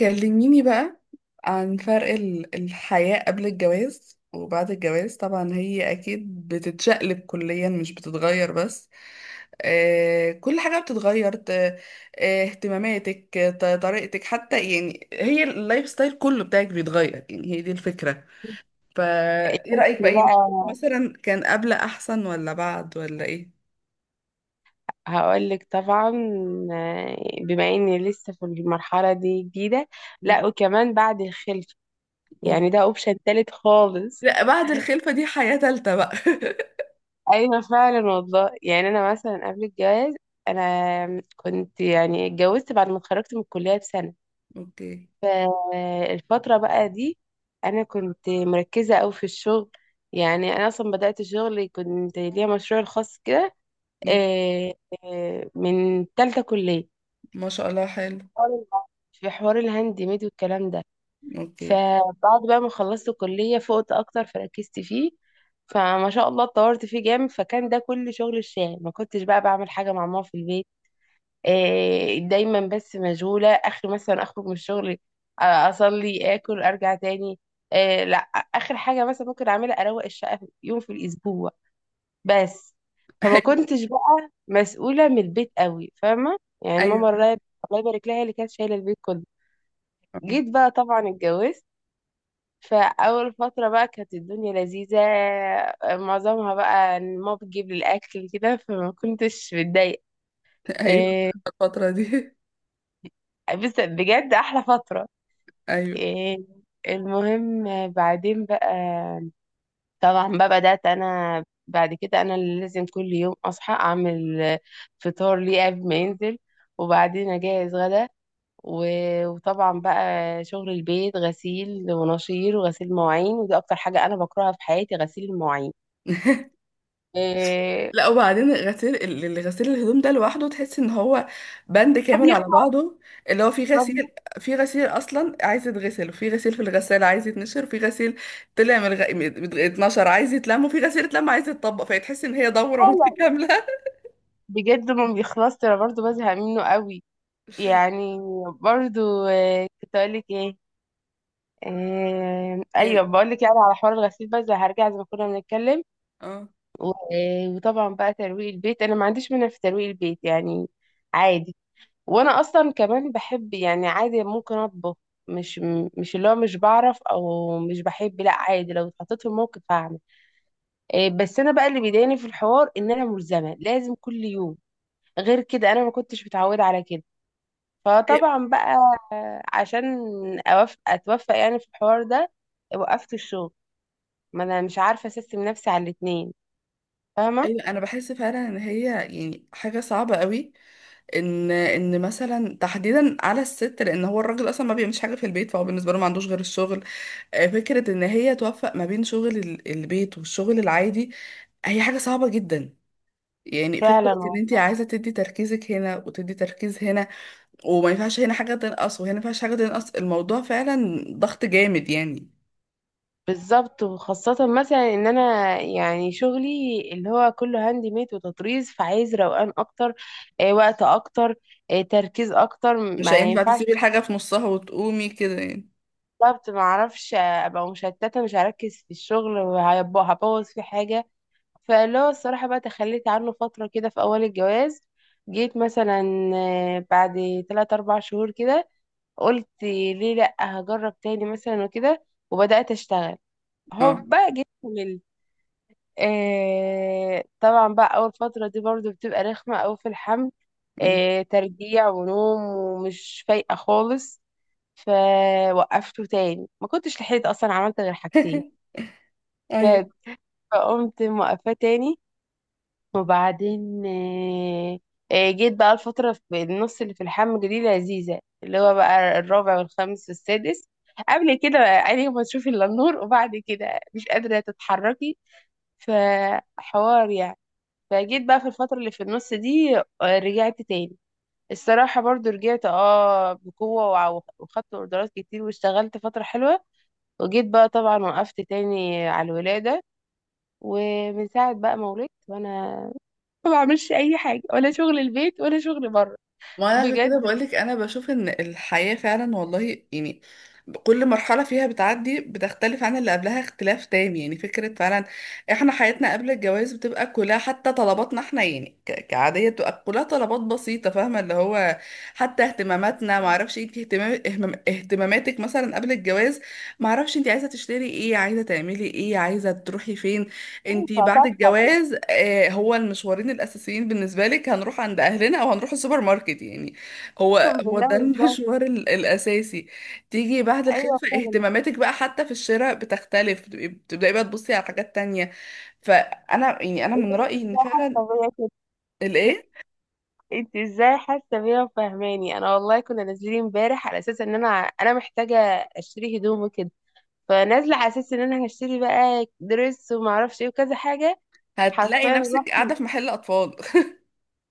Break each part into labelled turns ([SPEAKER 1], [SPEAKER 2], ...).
[SPEAKER 1] كلميني بقى عن فرق الحياة قبل الجواز وبعد الجواز. طبعا هي أكيد بتتشقلب كليا، مش بتتغير بس. كل حاجة بتتغير. اهتماماتك، طريقتك حتى. يعني هي اللايف ستايل كله بتاعك بيتغير، يعني هي دي الفكرة. فإيه رأيك
[SPEAKER 2] ده
[SPEAKER 1] بقى؟ يعني
[SPEAKER 2] بقى.
[SPEAKER 1] مثلا كان قبل أحسن ولا بعد ولا إيه؟
[SPEAKER 2] هقولك طبعا. آه، بما اني لسه في المرحلة دي جديدة.
[SPEAKER 1] مم.
[SPEAKER 2] لا وكمان بعد الخلفة
[SPEAKER 1] أوه.
[SPEAKER 2] يعني ده اوبشن تالت خالص.
[SPEAKER 1] لا، بعد الخلفة دي حياة تالتة بقى.
[SPEAKER 2] ايوه فعلا والله يعني انا مثلا قبل الجواز انا كنت يعني اتجوزت بعد ما اتخرجت من الكلية بسنة.
[SPEAKER 1] اوكي.
[SPEAKER 2] فالفترة بقى دي انا كنت مركزة اوي في الشغل. يعني انا اصلا بدأت شغلي كنت ليا مشروع الخاص كده.
[SPEAKER 1] مم.
[SPEAKER 2] آه، من تالتة كلية.
[SPEAKER 1] ما شاء الله، حلو.
[SPEAKER 2] حوار في حوار الهاند ميد والكلام ده.
[SPEAKER 1] اوكي.
[SPEAKER 2] فبعد بقى ما خلصت الكلية فقت أكتر فركزت فيه. فما شاء الله اتطورت فيه جامد فكان ده كل شغل الشاغل. ما كنتش بقى بعمل حاجة مع ماما في البيت. دايما بس مشغولة آخر مثلا أخرج من الشغل، أصلي آكل أرجع تاني. لا، آخر حاجة مثلا ممكن أعملها أروق الشقة يوم في الأسبوع بس. فما
[SPEAKER 1] ايوه.
[SPEAKER 2] كنتش بقى مسؤولة من البيت قوي، فاهمة؟ يعني ماما
[SPEAKER 1] ايوه.
[SPEAKER 2] الله يبارك لها هي اللي كانت شايلة البيت كله.
[SPEAKER 1] آه.
[SPEAKER 2] جيت بقى طبعا اتجوزت، فأول فترة بقى كانت الدنيا لذيذة. معظمها بقى إن ماما بتجيب لي الأكل كده فما كنتش متضايقة.
[SPEAKER 1] ايوه.
[SPEAKER 2] إيه،
[SPEAKER 1] الفترة دي.
[SPEAKER 2] بس بجد أحلى فترة.
[SPEAKER 1] ايوه.
[SPEAKER 2] إيه، المهم، بعدين بقى طبعا بقى بدأت أنا بعد كده أنا اللي لازم كل يوم أصحى أعمل فطار ليه قبل ما ينزل، وبعدين أجهز غدا، و- وطبعا بقى شغل البيت، غسيل ونشير وغسيل مواعين، ودي اكتر حاجه انا بكرهها في حياتي، غسيل المواعين. إيه،
[SPEAKER 1] لا، وبعدين غسيل غسيل الهدوم ده لوحده، تحس ان هو بند
[SPEAKER 2] ما
[SPEAKER 1] كامل على
[SPEAKER 2] بيخلص.
[SPEAKER 1] بعضه. اللي هو في
[SPEAKER 2] ما
[SPEAKER 1] غسيل في غسيل اصلا عايز يتغسل، وفي غسيل في الغسالة عايز يتنشر، وفي غسيل طلع من اتنشر عايز يتلم، وفي غسيل اتلم عايز يتطبق، فتحس ان هي دورة
[SPEAKER 2] بيخلص
[SPEAKER 1] متكاملة.
[SPEAKER 2] بجد، ما بيخلصش. انا برضو بزهق منه قوي يعني. برضو إيه كنت اقول لك ايه؟ إيه، ايوه،
[SPEAKER 1] يعني
[SPEAKER 2] بقول لك يعني على حوار الغسيل، بس هرجع زي ما كنا بنتكلم.
[SPEAKER 1] اه،
[SPEAKER 2] وطبعا بقى ترويق البيت انا ما عنديش منها في ترويق البيت يعني، عادي. وانا اصلا كمان بحب يعني عادي ممكن اطبخ. مش مش اللي هو مش بعرف او مش بحب، لا عادي، لو اتحطيت في الموقف هعمل. بس انا بقى اللي بيضايقني في الحوار ان انا ملزمه لازم كل يوم. غير كده انا ما كنتش متعوده على كده.
[SPEAKER 1] ايوه.
[SPEAKER 2] فطبعا بقى عشان اتوفق يعني في الحوار ده وقفت الشغل، ما انا مش عارفه اسيستم نفسي على الاتنين، فاهمه؟
[SPEAKER 1] أيوة، انا بحس فعلا ان هي يعني حاجه صعبه قوي. ان مثلا تحديدا على الست، لان هو الراجل اصلا ما بيعملش حاجه في البيت، فهو بالنسبه له ما عندوش غير الشغل. فكره ان هي توفق ما بين شغل البيت والشغل العادي، هي حاجه صعبه جدا. يعني فكره
[SPEAKER 2] فعلا
[SPEAKER 1] ان انت عايزه تدي تركيزك هنا وتدي تركيز هنا، وما ينفعش هنا حاجه تنقص وهنا ما ينفعش حاجه تنقص، الموضوع فعلا ضغط جامد يعني.
[SPEAKER 2] بالظبط، وخاصة مثلا ان انا يعني شغلي اللي هو كله هاند ميد وتطريز، فعايز روقان اكتر، وقت اكتر، تركيز اكتر،
[SPEAKER 1] مش
[SPEAKER 2] ما
[SPEAKER 1] هينفع
[SPEAKER 2] ينفعش.
[SPEAKER 1] تسيبي الحاجه في نصها وتقومي كده يعني.
[SPEAKER 2] بالظبط، ما اعرفش، ابقى مشتتة مش هركز في الشغل وهيبقى- هبوظ في حاجة. فاللي هو الصراحة بقى تخليت عنه فترة كده في اول الجواز. جيت مثلا بعد 3 4 شهور كده قلت ليه لا، هجرب تاني مثلا وكده، وبدأت اشتغل.
[SPEAKER 1] اه.
[SPEAKER 2] هوبا جيت كملت. طبعا بقى اول فتره دي برضو بتبقى رخمه أوي في الحمل،
[SPEAKER 1] أمم.
[SPEAKER 2] ترجيع ونوم ومش فايقه خالص. فوقفته تاني، ما كنتش لحقت اصلا، عملت غير حاجتين
[SPEAKER 1] ايوه،
[SPEAKER 2] بجد. فقمت موقفاه تاني. وبعدين جيت بقى الفتره في النص اللي في الحمل دي لذيذه، اللي هو بقى الرابع والخامس والسادس. قبل كده عيني ما تشوفي الا النور، وبعد كده مش قادره تتحركي، فحوار يعني. فجيت بقى في الفترة اللي في النص دي، رجعت تاني. الصراحة برضو رجعت اه بقوة وع- وخدت اوردرات كتير واشتغلت فترة حلوة. وجيت بقى طبعا وقفت تاني على الولادة. ومن ساعة بقى ما ولدت وانا ما بعملش اي حاجة، ولا شغل البيت ولا شغل بره
[SPEAKER 1] ما انا عشان كده
[SPEAKER 2] بجد.
[SPEAKER 1] بقولك انا بشوف ان الحياة فعلا والله يعني كل مرحلة فيها بتعدي بتختلف عن اللي قبلها اختلاف تام. يعني فكرة، فعلا احنا حياتنا قبل الجواز بتبقى كلها، حتى طلباتنا احنا يعني كعادية بتبقى كلها طلبات بسيطة، فاهمة؟ اللي هو حتى اهتماماتنا، معرفش انت اهتماماتك مثلا قبل الجواز، معرفش انت عايزة تشتري ايه، عايزة تعملي ايه، عايزة تروحي فين. انتي
[SPEAKER 2] ينفع
[SPEAKER 1] بعد
[SPEAKER 2] صفحة كده؟
[SPEAKER 1] الجواز هو المشوارين الاساسيين بالنسبه لك، هنروح عند اهلنا او هنروح السوبر ماركت يعني.
[SPEAKER 2] اقسم
[SPEAKER 1] هو هو
[SPEAKER 2] بالله،
[SPEAKER 1] ده
[SPEAKER 2] ازاي!
[SPEAKER 1] المشوار الاساسي. تيجي بعد
[SPEAKER 2] ايوه
[SPEAKER 1] الخلفه
[SPEAKER 2] فعلا.
[SPEAKER 1] اهتماماتك بقى حتى في الشراء بتختلف، بتبقي بتبداي بقى تبصي على حاجات تانية. فانا يعني انا
[SPEAKER 2] إيه ده؟
[SPEAKER 1] من
[SPEAKER 2] انت
[SPEAKER 1] رايي ان
[SPEAKER 2] ازاي
[SPEAKER 1] فعلا.
[SPEAKER 2] حاسة بيا كده؟
[SPEAKER 1] الايه؟
[SPEAKER 2] انت ازاي حاسة بيا وفاهماني؟ انا والله كنا نازلين امبارح على اساس ان انا محتاجة اشتري هدوم وكده. فنازله على اساس ان انا هشتري بقى دريس وما اعرفش ايه وكذا حاجه.
[SPEAKER 1] هتلاقي
[SPEAKER 2] حرفيا
[SPEAKER 1] نفسك
[SPEAKER 2] رحت
[SPEAKER 1] قاعده في محل اطفال.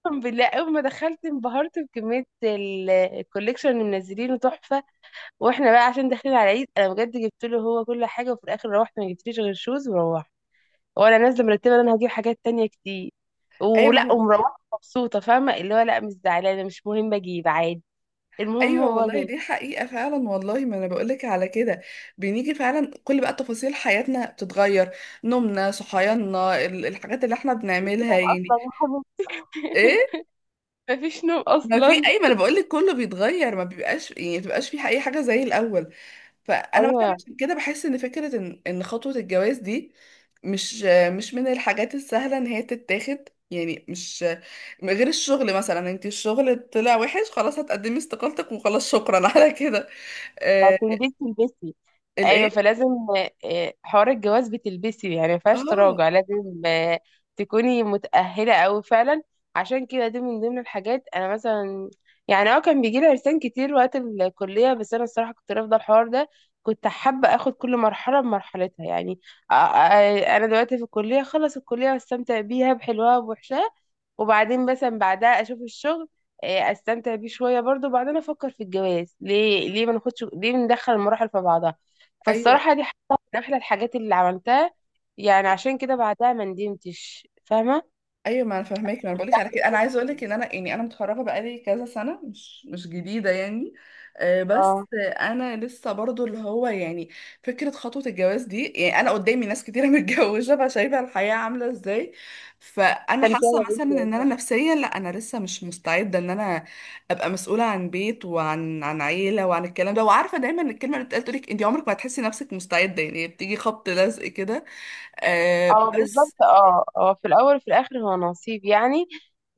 [SPEAKER 2] اقسم بالله، اول ما دخلت انبهرت بكميه الكوليكشن اللي منزلينه تحفه. واحنا بقى عشان داخلين على العيد انا بجد جبت له هو كل حاجه، وفي الاخر روحت ما جبتليش غير شوز وروحت. وانا نازله مرتبه ان انا هجيب حاجات تانية كتير، ولا
[SPEAKER 1] ايمن.
[SPEAKER 2] ومروحه مبسوطه، فاهمه اللي هو لا مش زعلانه، مش مهم اجيب عادي، المهم
[SPEAKER 1] ايوه
[SPEAKER 2] هو
[SPEAKER 1] والله،
[SPEAKER 2] جاي.
[SPEAKER 1] دي حقيقه فعلا والله، ما انا بقولك على كده، بنيجي فعلا كل بقى تفاصيل حياتنا بتتغير، نومنا، صحياننا، الحاجات اللي احنا بنعملها يعني. ايه.
[SPEAKER 2] مفيش نوم
[SPEAKER 1] ما في
[SPEAKER 2] اصلا.
[SPEAKER 1] اي، ما انا بقولك كله بيتغير، ما بيبقاش يعني، ما بتبقاش في اي حاجه زي الاول. فانا مثلا
[SPEAKER 2] ايوه
[SPEAKER 1] عشان كده بحس ان فكره ان خطوه الجواز دي مش مش من الحاجات السهله ان هي تتاخد يعني. مش غير الشغل مثلا، انت الشغل طلع وحش، خلاص هتقدمي استقالتك وخلاص، شكرا على كده. آه،
[SPEAKER 2] هتنبسي تلبسي.
[SPEAKER 1] الايه؟
[SPEAKER 2] ايوه فلازم، حوار الجواز بتلبسي يعني، ما فيهاش
[SPEAKER 1] اه.
[SPEAKER 2] تراجع، لازم تكوني متأهلة أوي فعلا. عشان كده دي من ضمن الحاجات انا مثلا، يعني اه كان بيجي لي عرسان كتير وقت الكلية بس انا الصراحة كنت رافضة الحوار ده. كنت حابة اخد كل مرحلة بمرحلتها يعني. انا دلوقتي في الكلية، خلص الكلية واستمتع بيها بحلوها وبوحشها، وبعدين مثلا بعدها اشوف الشغل، استمتع بيه شويه برضو، وبعدين افكر في الجواز. ليه ليه ما ناخدش، ليه ندخل المراحل في بعضها؟
[SPEAKER 1] ايوه.
[SPEAKER 2] فالصراحة دي حاجة من أحلى الحاجات اللي عملتها. يعني عشان كده بعدها ما ندمتش، فاهمة؟
[SPEAKER 1] ايوه، ما انا فاهماك، ما انا بقولك
[SPEAKER 2] استمتعت
[SPEAKER 1] على كده. انا
[SPEAKER 2] بكل
[SPEAKER 1] عايزه اقولك
[SPEAKER 2] حاجة،
[SPEAKER 1] ان انا، يعني انا متخرجه بقالي كذا سنه، مش جديده يعني. بس
[SPEAKER 2] اه.
[SPEAKER 1] انا لسه برضو اللي هو يعني، فكره خطوه الجواز دي، يعني انا قدامي ناس كتيره متجوزه بقى، شايفه الحياه عامله ازاي. فانا
[SPEAKER 2] استمتعت
[SPEAKER 1] حاسه
[SPEAKER 2] يا
[SPEAKER 1] مثلا
[SPEAKER 2] بنتي
[SPEAKER 1] ان انا
[SPEAKER 2] والله.
[SPEAKER 1] نفسيا لا، انا لسه مش مستعده ان انا ابقى مسؤوله عن بيت وعن عن عيله وعن الكلام ده. وعارفه دايما إن الكلمه اللي بتقال تقولك انت عمرك ما هتحسي نفسك مستعده، يعني بتيجي خبط لزق كده.
[SPEAKER 2] اه
[SPEAKER 1] بس.
[SPEAKER 2] بالظبط، اه اه، في الأول وفي الآخر هو نصيب يعني.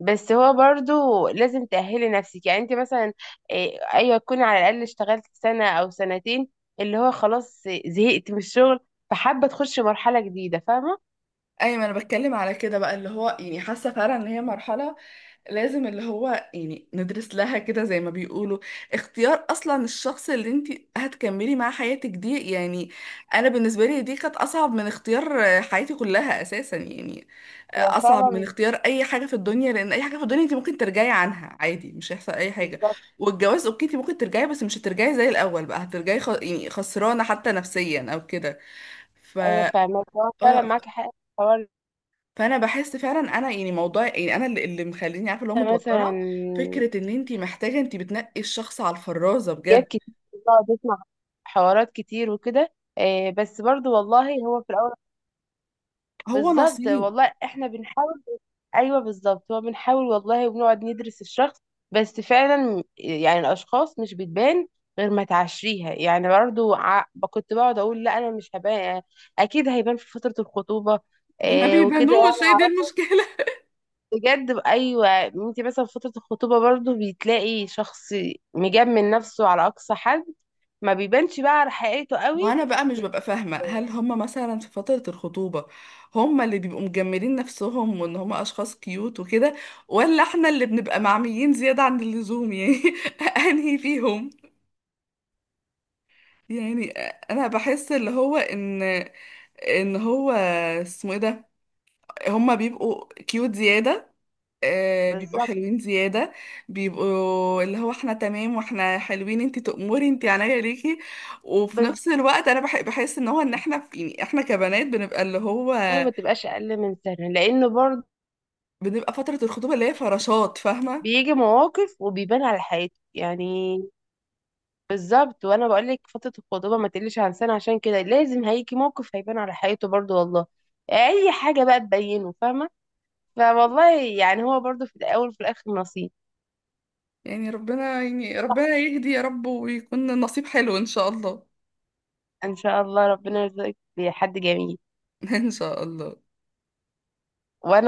[SPEAKER 2] بس هو برضو لازم تأهلي نفسك يعني، انت مثلا أيوة تكوني على الأقل اشتغلت سنة أو سنتين، اللي هو خلاص زهقت من الشغل فحابة تخش مرحلة جديدة، فاهمة؟
[SPEAKER 1] ايوه، ما انا بتكلم على كده بقى، اللي هو يعني حاسه فعلا ان هي مرحله لازم اللي هو يعني ندرس لها كده، زي ما بيقولوا. اختيار اصلا الشخص اللي انت هتكملي معاه حياتك دي يعني. انا بالنسبه لي دي كانت اصعب من اختيار حياتي كلها اساسا يعني،
[SPEAKER 2] هي
[SPEAKER 1] اصعب من
[SPEAKER 2] فعلا
[SPEAKER 1] اختيار اي حاجه في الدنيا. لان اي حاجه في الدنيا انت ممكن ترجعي عنها عادي، مش هيحصل اي حاجه.
[SPEAKER 2] بالظبط.
[SPEAKER 1] والجواز اوكي، انت ممكن ترجعي، بس مش هترجعي زي الاول بقى، هترجعي يعني خسرانه حتى نفسيا او كده. ف
[SPEAKER 2] أيوة فاهمة، هو فعلا
[SPEAKER 1] اه
[SPEAKER 2] معاكي حق في الحوار.
[SPEAKER 1] فانا بحس فعلا انا يعني، موضوع يعني، انا اللي مخليني عارفه اللي هو
[SPEAKER 2] ده مثلا
[SPEAKER 1] متوتره، فكره ان انت محتاجه، انت بتنقي الشخص على الفرازه بجد.
[SPEAKER 2] حاجات كتير، بقعد اسمع حوارات كتير وكده. بس برضو والله هو في الاول.
[SPEAKER 1] هو
[SPEAKER 2] بالظبط
[SPEAKER 1] نصيب.
[SPEAKER 2] والله احنا بنحاول. ايوه بالظبط، هو بنحاول والله وبنقعد ندرس الشخص، بس فعلا يعني الاشخاص مش بتبان غير ما تعشريها يعني. برضو كنت بقعد اقول لا انا مش هبان، اكيد هيبان في فترة الخطوبة.
[SPEAKER 1] ما
[SPEAKER 2] وكده يعني
[SPEAKER 1] بيبانوش، هي دي
[SPEAKER 2] عرفت
[SPEAKER 1] المشكله.
[SPEAKER 2] بجد. ايوه انت مثلا في فترة الخطوبة برضو بتلاقي شخص مجمل نفسه على اقصى حد، ما بيبانش بقى على حقيقته قوي.
[SPEAKER 1] وانا بقى مش ببقى فاهمه، هل هم مثلا في فتره الخطوبه هم اللي بيبقوا مجملين نفسهم وان هم اشخاص كيوت وكده، ولا احنا اللي بنبقى معميين زياده عن اللزوم يعني؟ انهي فيهم؟ يعني انا بحس اللي هو ان ان هو اسمه ايه ده، هما بيبقوا كيوت زياده، بيبقوا
[SPEAKER 2] بالظبط.
[SPEAKER 1] حلوين زيادة، بيبقوا اللي هو احنا تمام واحنا حلوين، انتي تأمري، انتي عينيا ليكي. وفي
[SPEAKER 2] بس
[SPEAKER 1] نفس الوقت انا بحس ان هو، ان احنا في، يعني احنا كبنات
[SPEAKER 2] هو ما تبقاش اقل من سنه لانه برضه
[SPEAKER 1] بنبقى فترة الخطوبة اللي هي فراشات، فاهمة؟
[SPEAKER 2] بيجي مواقف وبيبان على حياته يعني. بالظبط، وانا بقول لك فتره الخطوبه ما تقلش عن سنه عشان كده، لازم هيجي موقف هيبان على حياته برضه والله، اي حاجه بقى تبينه، فاهمه؟ فوالله يعني هو برضه في الاول وفي الاخر نصيب.
[SPEAKER 1] ربنا يهدي يا رب، ويكون النصيب حلو ان شاء الله.
[SPEAKER 2] ان شاء الله، ربنا يرزقك بحد جميل.
[SPEAKER 1] ان شاء الله.